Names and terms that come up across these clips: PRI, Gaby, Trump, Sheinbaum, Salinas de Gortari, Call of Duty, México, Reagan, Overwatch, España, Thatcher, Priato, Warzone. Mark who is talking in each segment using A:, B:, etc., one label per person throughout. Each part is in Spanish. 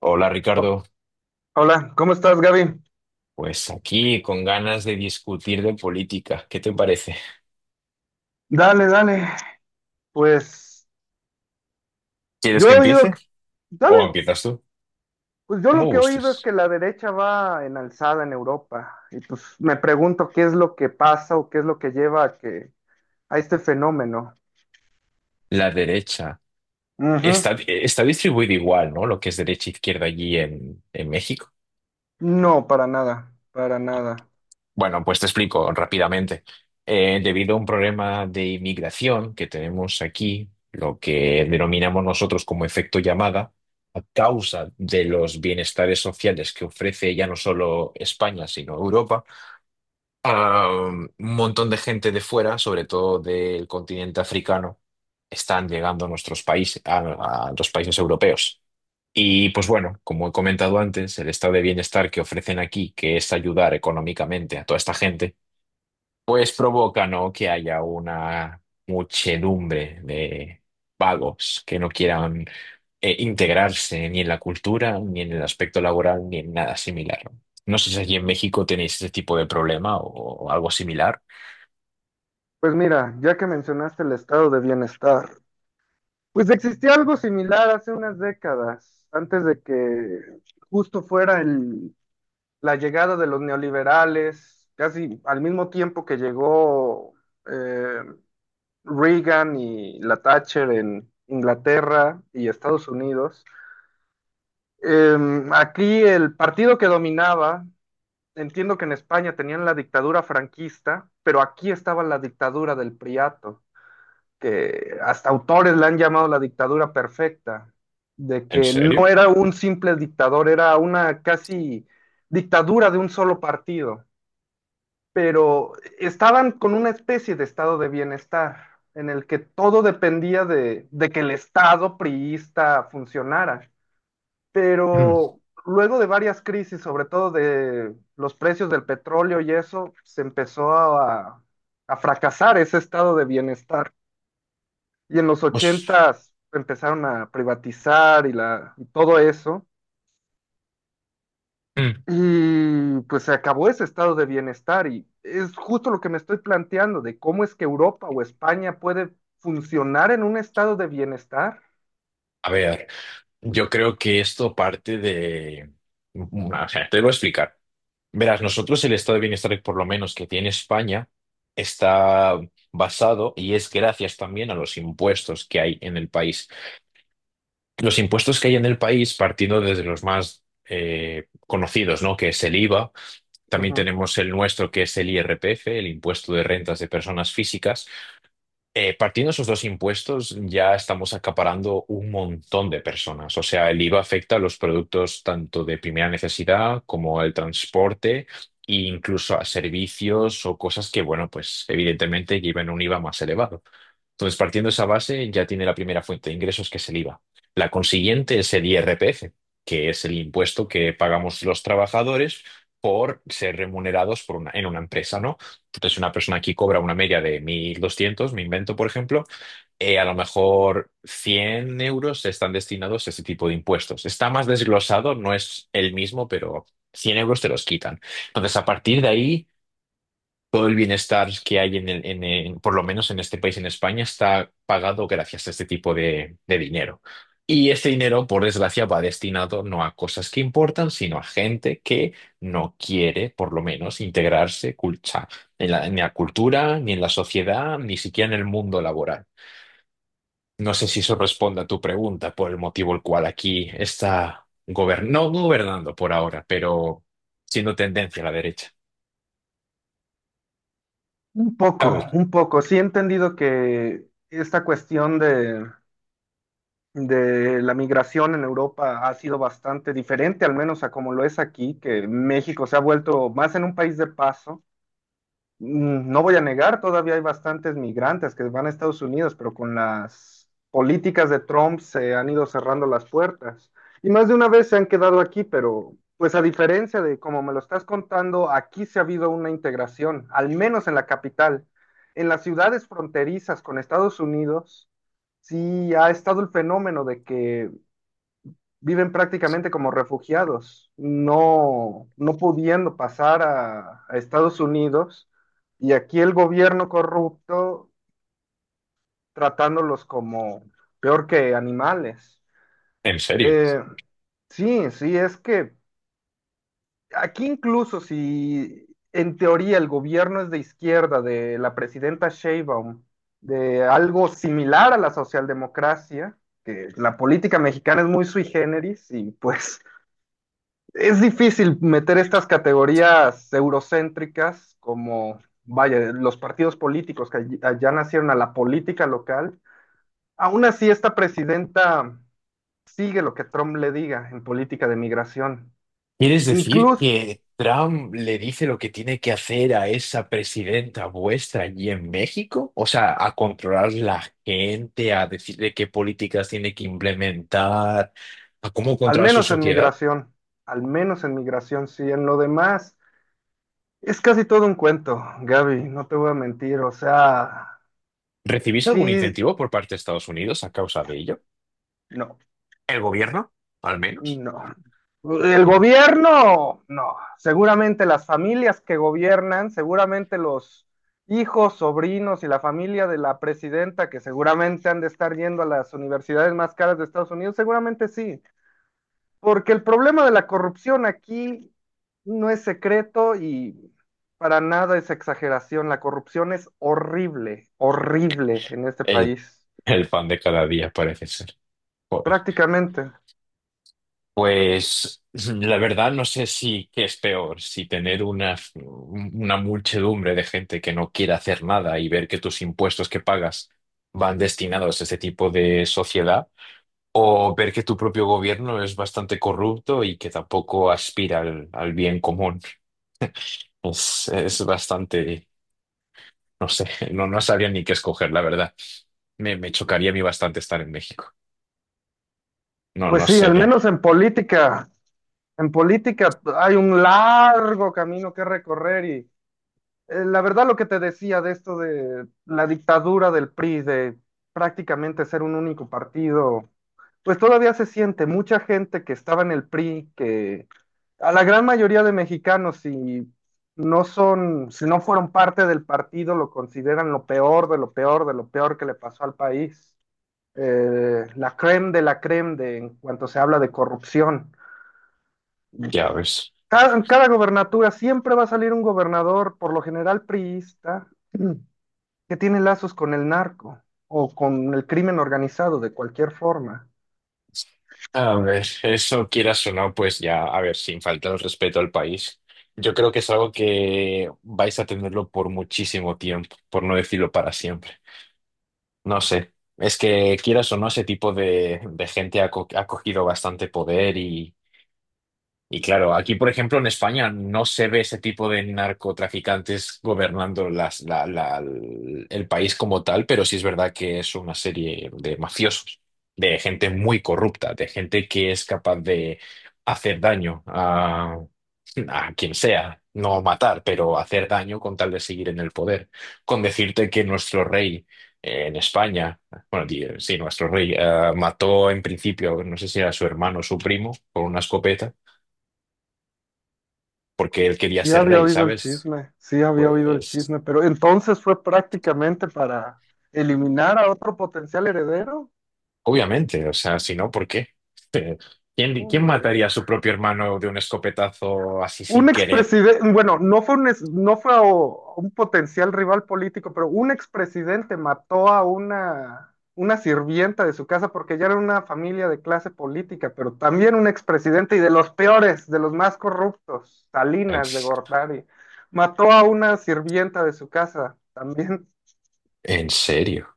A: Hola
B: Ho-
A: Ricardo,
B: Hola, ¿cómo estás, Gaby?
A: pues aquí con ganas de discutir de política. ¿Qué te parece?
B: Dale, dale. Pues
A: ¿Quieres
B: yo
A: que
B: he oído,
A: empiece?
B: que-
A: ¿O
B: dale,
A: empiezas tú?
B: pues yo
A: Como
B: lo que he oído es
A: gustes.
B: que la derecha va en alzada en Europa. Y pues me pregunto qué es lo que pasa o qué es lo que lleva a que a este fenómeno.
A: La derecha.
B: Ujú.
A: Está distribuido igual, ¿no? Lo que es derecha e izquierda allí en México.
B: No, para nada, para nada.
A: Bueno, pues te explico rápidamente. Debido a un problema de inmigración que tenemos aquí, lo que denominamos nosotros como efecto llamada, a causa de los bienestares sociales que ofrece ya no solo España, sino Europa, un montón de gente de fuera, sobre todo del continente africano, están llegando a nuestros países, a los países europeos. Y pues bueno, como he comentado antes, el estado de bienestar que ofrecen aquí, que es ayudar económicamente a toda esta gente, pues provoca, ¿no? Que haya una muchedumbre de vagos que no quieran integrarse ni en la cultura, ni en el aspecto laboral, ni en nada similar. No No sé si allí en México tenéis ese tipo de problema o algo similar.
B: Pues mira, ya que mencionaste el estado de bienestar, pues existía algo similar hace unas décadas, antes de que justo fuera el la llegada de los neoliberales, casi al mismo tiempo que llegó eh, Reagan y la Thatcher en Inglaterra y Estados Unidos. Aquí el partido que dominaba, entiendo que en España tenían la dictadura franquista, pero aquí estaba la dictadura del Priato, que hasta autores la han llamado la dictadura perfecta, de
A: ¿En
B: que
A: serio?
B: no era un simple dictador, era una casi dictadura de un solo partido pero estaban con una especie de estado de bienestar en el que todo dependía de que el estado priista funcionara.
A: Mm,
B: Pero luego de varias crisis, sobre todo de los precios del petróleo y eso, a fracasar ese estado de bienestar. Y en los
A: Pues,
B: ochentas empezaron a privatizar y todo eso.
A: mm,
B: Y pues se acabó ese estado de bienestar y es justo lo que me estoy planteando de cómo es que Europa o España puede funcionar en un estado de bienestar.
A: a ver. Yo creo que esto parte de... O sea, te lo voy a explicar. Verás, nosotros el estado de bienestar, por lo menos que tiene España, está basado y es gracias también a los impuestos que hay en el país. Los impuestos que hay en el país, partiendo desde los más conocidos, ¿no? Que es el IVA. También
B: Ujú.
A: tenemos el nuestro, que es el IRPF, el impuesto de rentas de personas físicas. Partiendo esos dos impuestos, ya estamos acaparando un montón de personas. O sea, el IVA afecta a los productos tanto de primera necesidad como al transporte e incluso a servicios o cosas que, bueno, pues evidentemente llevan un IVA más elevado. Entonces, partiendo de esa base, ya tiene la primera fuente de ingresos, que es el IVA. La consiguiente es el IRPF, que es el impuesto que pagamos los trabajadores por ser remunerados por en una empresa, ¿no? Entonces, una persona aquí cobra una media de 1.200 me invento, por ejemplo, a lo mejor 100 euros están destinados a este tipo de impuestos. Está más desglosado, no es el mismo, pero 100 euros te los quitan. Entonces, a partir de ahí todo el bienestar que hay por lo menos en este país, en España, está pagado gracias a este tipo de dinero. Y este dinero, por desgracia, va destinado no a cosas que importan, sino a gente que no quiere, por lo menos, o sea, en en la cultura, ni en la sociedad, ni siquiera en el mundo laboral. No sé si eso responde a tu pregunta, por el motivo el cual aquí está gobernando, no gobernando por ahora, pero siendo tendencia a la derecha.
B: Un
A: A
B: poco,
A: ver,
B: un poco. Sí he entendido que esta de la migración en Europa ha sido bastante diferente, al menos a como lo es aquí, que México se ha vuelto más en un país de paso mm, no voy a negar, todavía hay bastantes migrantes que van a Estados Unidos, pero con las políticas de Trump se han ido cerrando las puertas. Y más de una vez se han quedado aquí, pero pues a diferencia de como me lo estás contando, aquí se ha habido una integración, al menos en la capital. En las ciudades fronterizas con Estados Unidos, sí ha estado el fenómeno de que viven prácticamente como refugiados, no pudiendo pasar a Estados Unidos y aquí el gobierno corrupto tratándolos como peor que animales.
A: en serio.
B: Eh, sí, sí, es que aquí incluso si en teoría el gobierno es de izquierda, de la presidenta Sheinbaum, de algo similar a la socialdemocracia, que la política mexicana es muy sui generis y pues es difícil meter estas categorías eurocéntricas como, vaya, los partidos políticos que allá nacieron a la política local. Aún así, esta presidenta sigue lo que Trump le diga en política de migración.
A: ¿Quieres decir
B: Incluso,
A: que Trump le dice lo que tiene que hacer a esa presidenta vuestra allí en México? O sea, a controlar la gente, a decirle qué políticas tiene que implementar, a cómo
B: al
A: controlar su
B: menos en
A: sociedad.
B: migración, al menos en migración, sí, en lo demás. Es casi todo un cuento, Gaby, no te voy a mentir. O sea,
A: ¿Recibís algún
B: sí,
A: incentivo por parte de Estados Unidos a causa de ello?
B: no.
A: ¿El gobierno, al menos?
B: No. El gobierno, no. Seguramente las familias que gobiernan, seguramente los hijos, sobrinos y la familia de la presidenta, que seguramente han de estar yendo a las universidades más caras de Estados Unidos, seguramente sí. Porque el problema de la corrupción aquí no es secreto y para nada es exageración. La corrupción es horrible, horrible en este
A: El,
B: país.
A: el pan de cada día parece ser.
B: Prácticamente.
A: Pues la verdad no sé si qué es peor, si tener una muchedumbre de gente que no quiere hacer nada y ver que tus impuestos que pagas van destinados a ese tipo de sociedad, o ver que tu propio gobierno es bastante corrupto y que tampoco aspira al, al bien común. Es bastante, no sé, no, no sabría ni qué escoger, la verdad. Me chocaría a mí bastante estar en México. No,
B: Pues
A: no
B: sí, al
A: sé,
B: menos en política. En política hay un largo camino que recorrer y la verdad lo que te decía de esto de la dictadura del PRI, de prácticamente ser un único partido, pues todavía se siente mucha gente que estaba en el PRI, que a la gran mayoría de mexicanos si no son, si no fueron parte del partido, lo consideran lo peor de lo peor de lo peor que le pasó al país. La creme de en cuanto se habla de corrupción.
A: ya ves.
B: En cada gobernatura siempre va a salir un gobernador, por lo general priista, que tiene lazos con el narco o con el crimen organizado de cualquier forma.
A: A ver, eso quieras o no, pues ya, a ver, sin faltar el respeto al país. Yo creo que es algo que vais a tenerlo por muchísimo tiempo, por no decirlo para siempre. No sé, es que quieras o no, ese tipo de gente ha cogido bastante poder y claro, aquí, por ejemplo, en España no se ve ese tipo de narcotraficantes gobernando el país como tal, pero sí es verdad que es una serie de mafiosos, de gente muy corrupta, de gente que es capaz de hacer daño a quien sea, no matar, pero hacer daño con tal de seguir en el poder. Con decirte que nuestro rey en España, bueno, sí, nuestro rey mató en principio, no sé si era su hermano o su primo, con una escopeta porque él quería
B: Sí
A: ser
B: había
A: rey,
B: oído el
A: ¿sabes?
B: chisme, sí había oído el
A: Pues
B: chisme, pero entonces fue prácticamente para eliminar a otro potencial heredero.
A: obviamente, o sea, si no, ¿por qué? ¿Quién, quién
B: Hombre.
A: mataría a su propio hermano de un escopetazo así
B: Un
A: sin querer?
B: expresidente, bueno, no fue un, es- no fue a- un potencial rival político, pero un expresidente mató a una sirvienta de su casa porque ya era una familia de clase política, pero también un expresidente y de los peores, de los más corruptos, Salinas de Gortari, mató a una sirvienta de su casa también.
A: ¿En serio?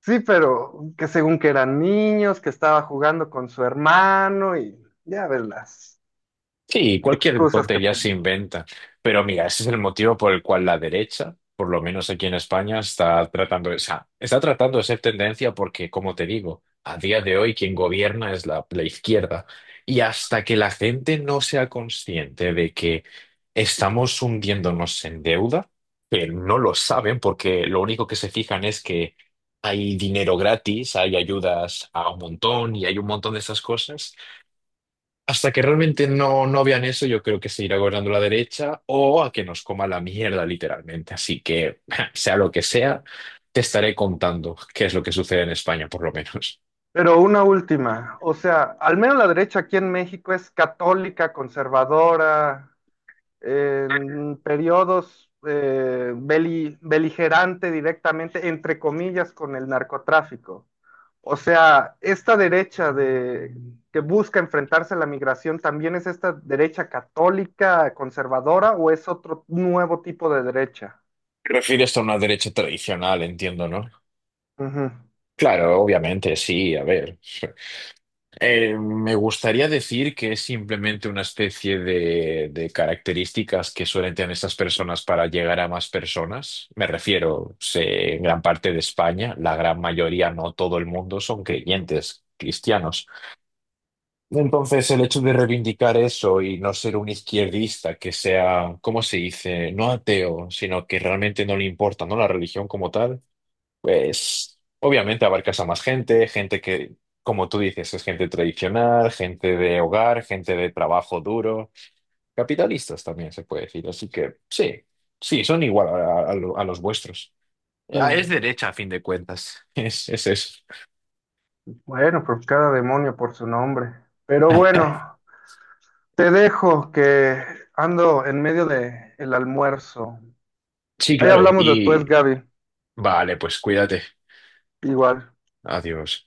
B: Sí, pero que según que eran niños, que estaba jugando con su hermano y ya ves las
A: Sí, cualquier
B: excusas que
A: tontería se
B: ponen.
A: inventa. Pero mira, ese es el motivo por el cual la derecha, por lo menos aquí en España, está tratando de, o sea, está tratando de ser tendencia porque, como te digo, a día de hoy quien gobierna es la izquierda. Y hasta que la gente no sea consciente de que estamos hundiéndonos en deuda, que no lo saben porque lo único que se fijan es que hay dinero gratis, hay ayudas a un montón y hay un montón de esas cosas. Hasta que realmente no, no vean eso, yo creo que se irá gobernando la derecha o a que nos coma la mierda, literalmente. Así que, sea lo que sea, te estaré contando qué es lo que sucede en España, por lo menos.
B: Pero una última, o sea, al menos la derecha aquí en México es católica, conservadora, en periodos beligerante directamente, entre comillas, con el narcotráfico. O sea, que busca enfrentarse a la migración, ¿también es esta derecha católica, conservadora o es otro nuevo tipo de derecha?
A: Te refieres a una derecha tradicional, entiendo, ¿no?
B: Ujú,
A: Claro, obviamente, sí, a ver. Me gustaría decir que es simplemente una especie de características que suelen tener estas personas para llegar a más personas. Me refiero, sé, en gran parte de España, la gran mayoría, no todo el mundo, son creyentes cristianos. Entonces, el hecho de reivindicar eso y no ser un izquierdista que sea, ¿cómo se dice? No ateo, sino que realmente no le importa, ¿no? La religión como tal. Pues obviamente abarcas a más gente, gente que, como tú dices, es gente tradicional, gente de hogar, gente de trabajo duro, capitalistas también se puede decir. Así que sí, sí, son igual a, a los vuestros. Ah, es
B: mm.
A: derecha a fin de cuentas, es eso.
B: Bueno, pues cada demonio por su nombre. Pero bueno, te dejo que ando en medio de el almuerzo.
A: Sí,
B: Ahí
A: claro,
B: hablamos
A: y
B: después, Gaby.
A: vale, pues cuídate.
B: Igual.
A: Adiós.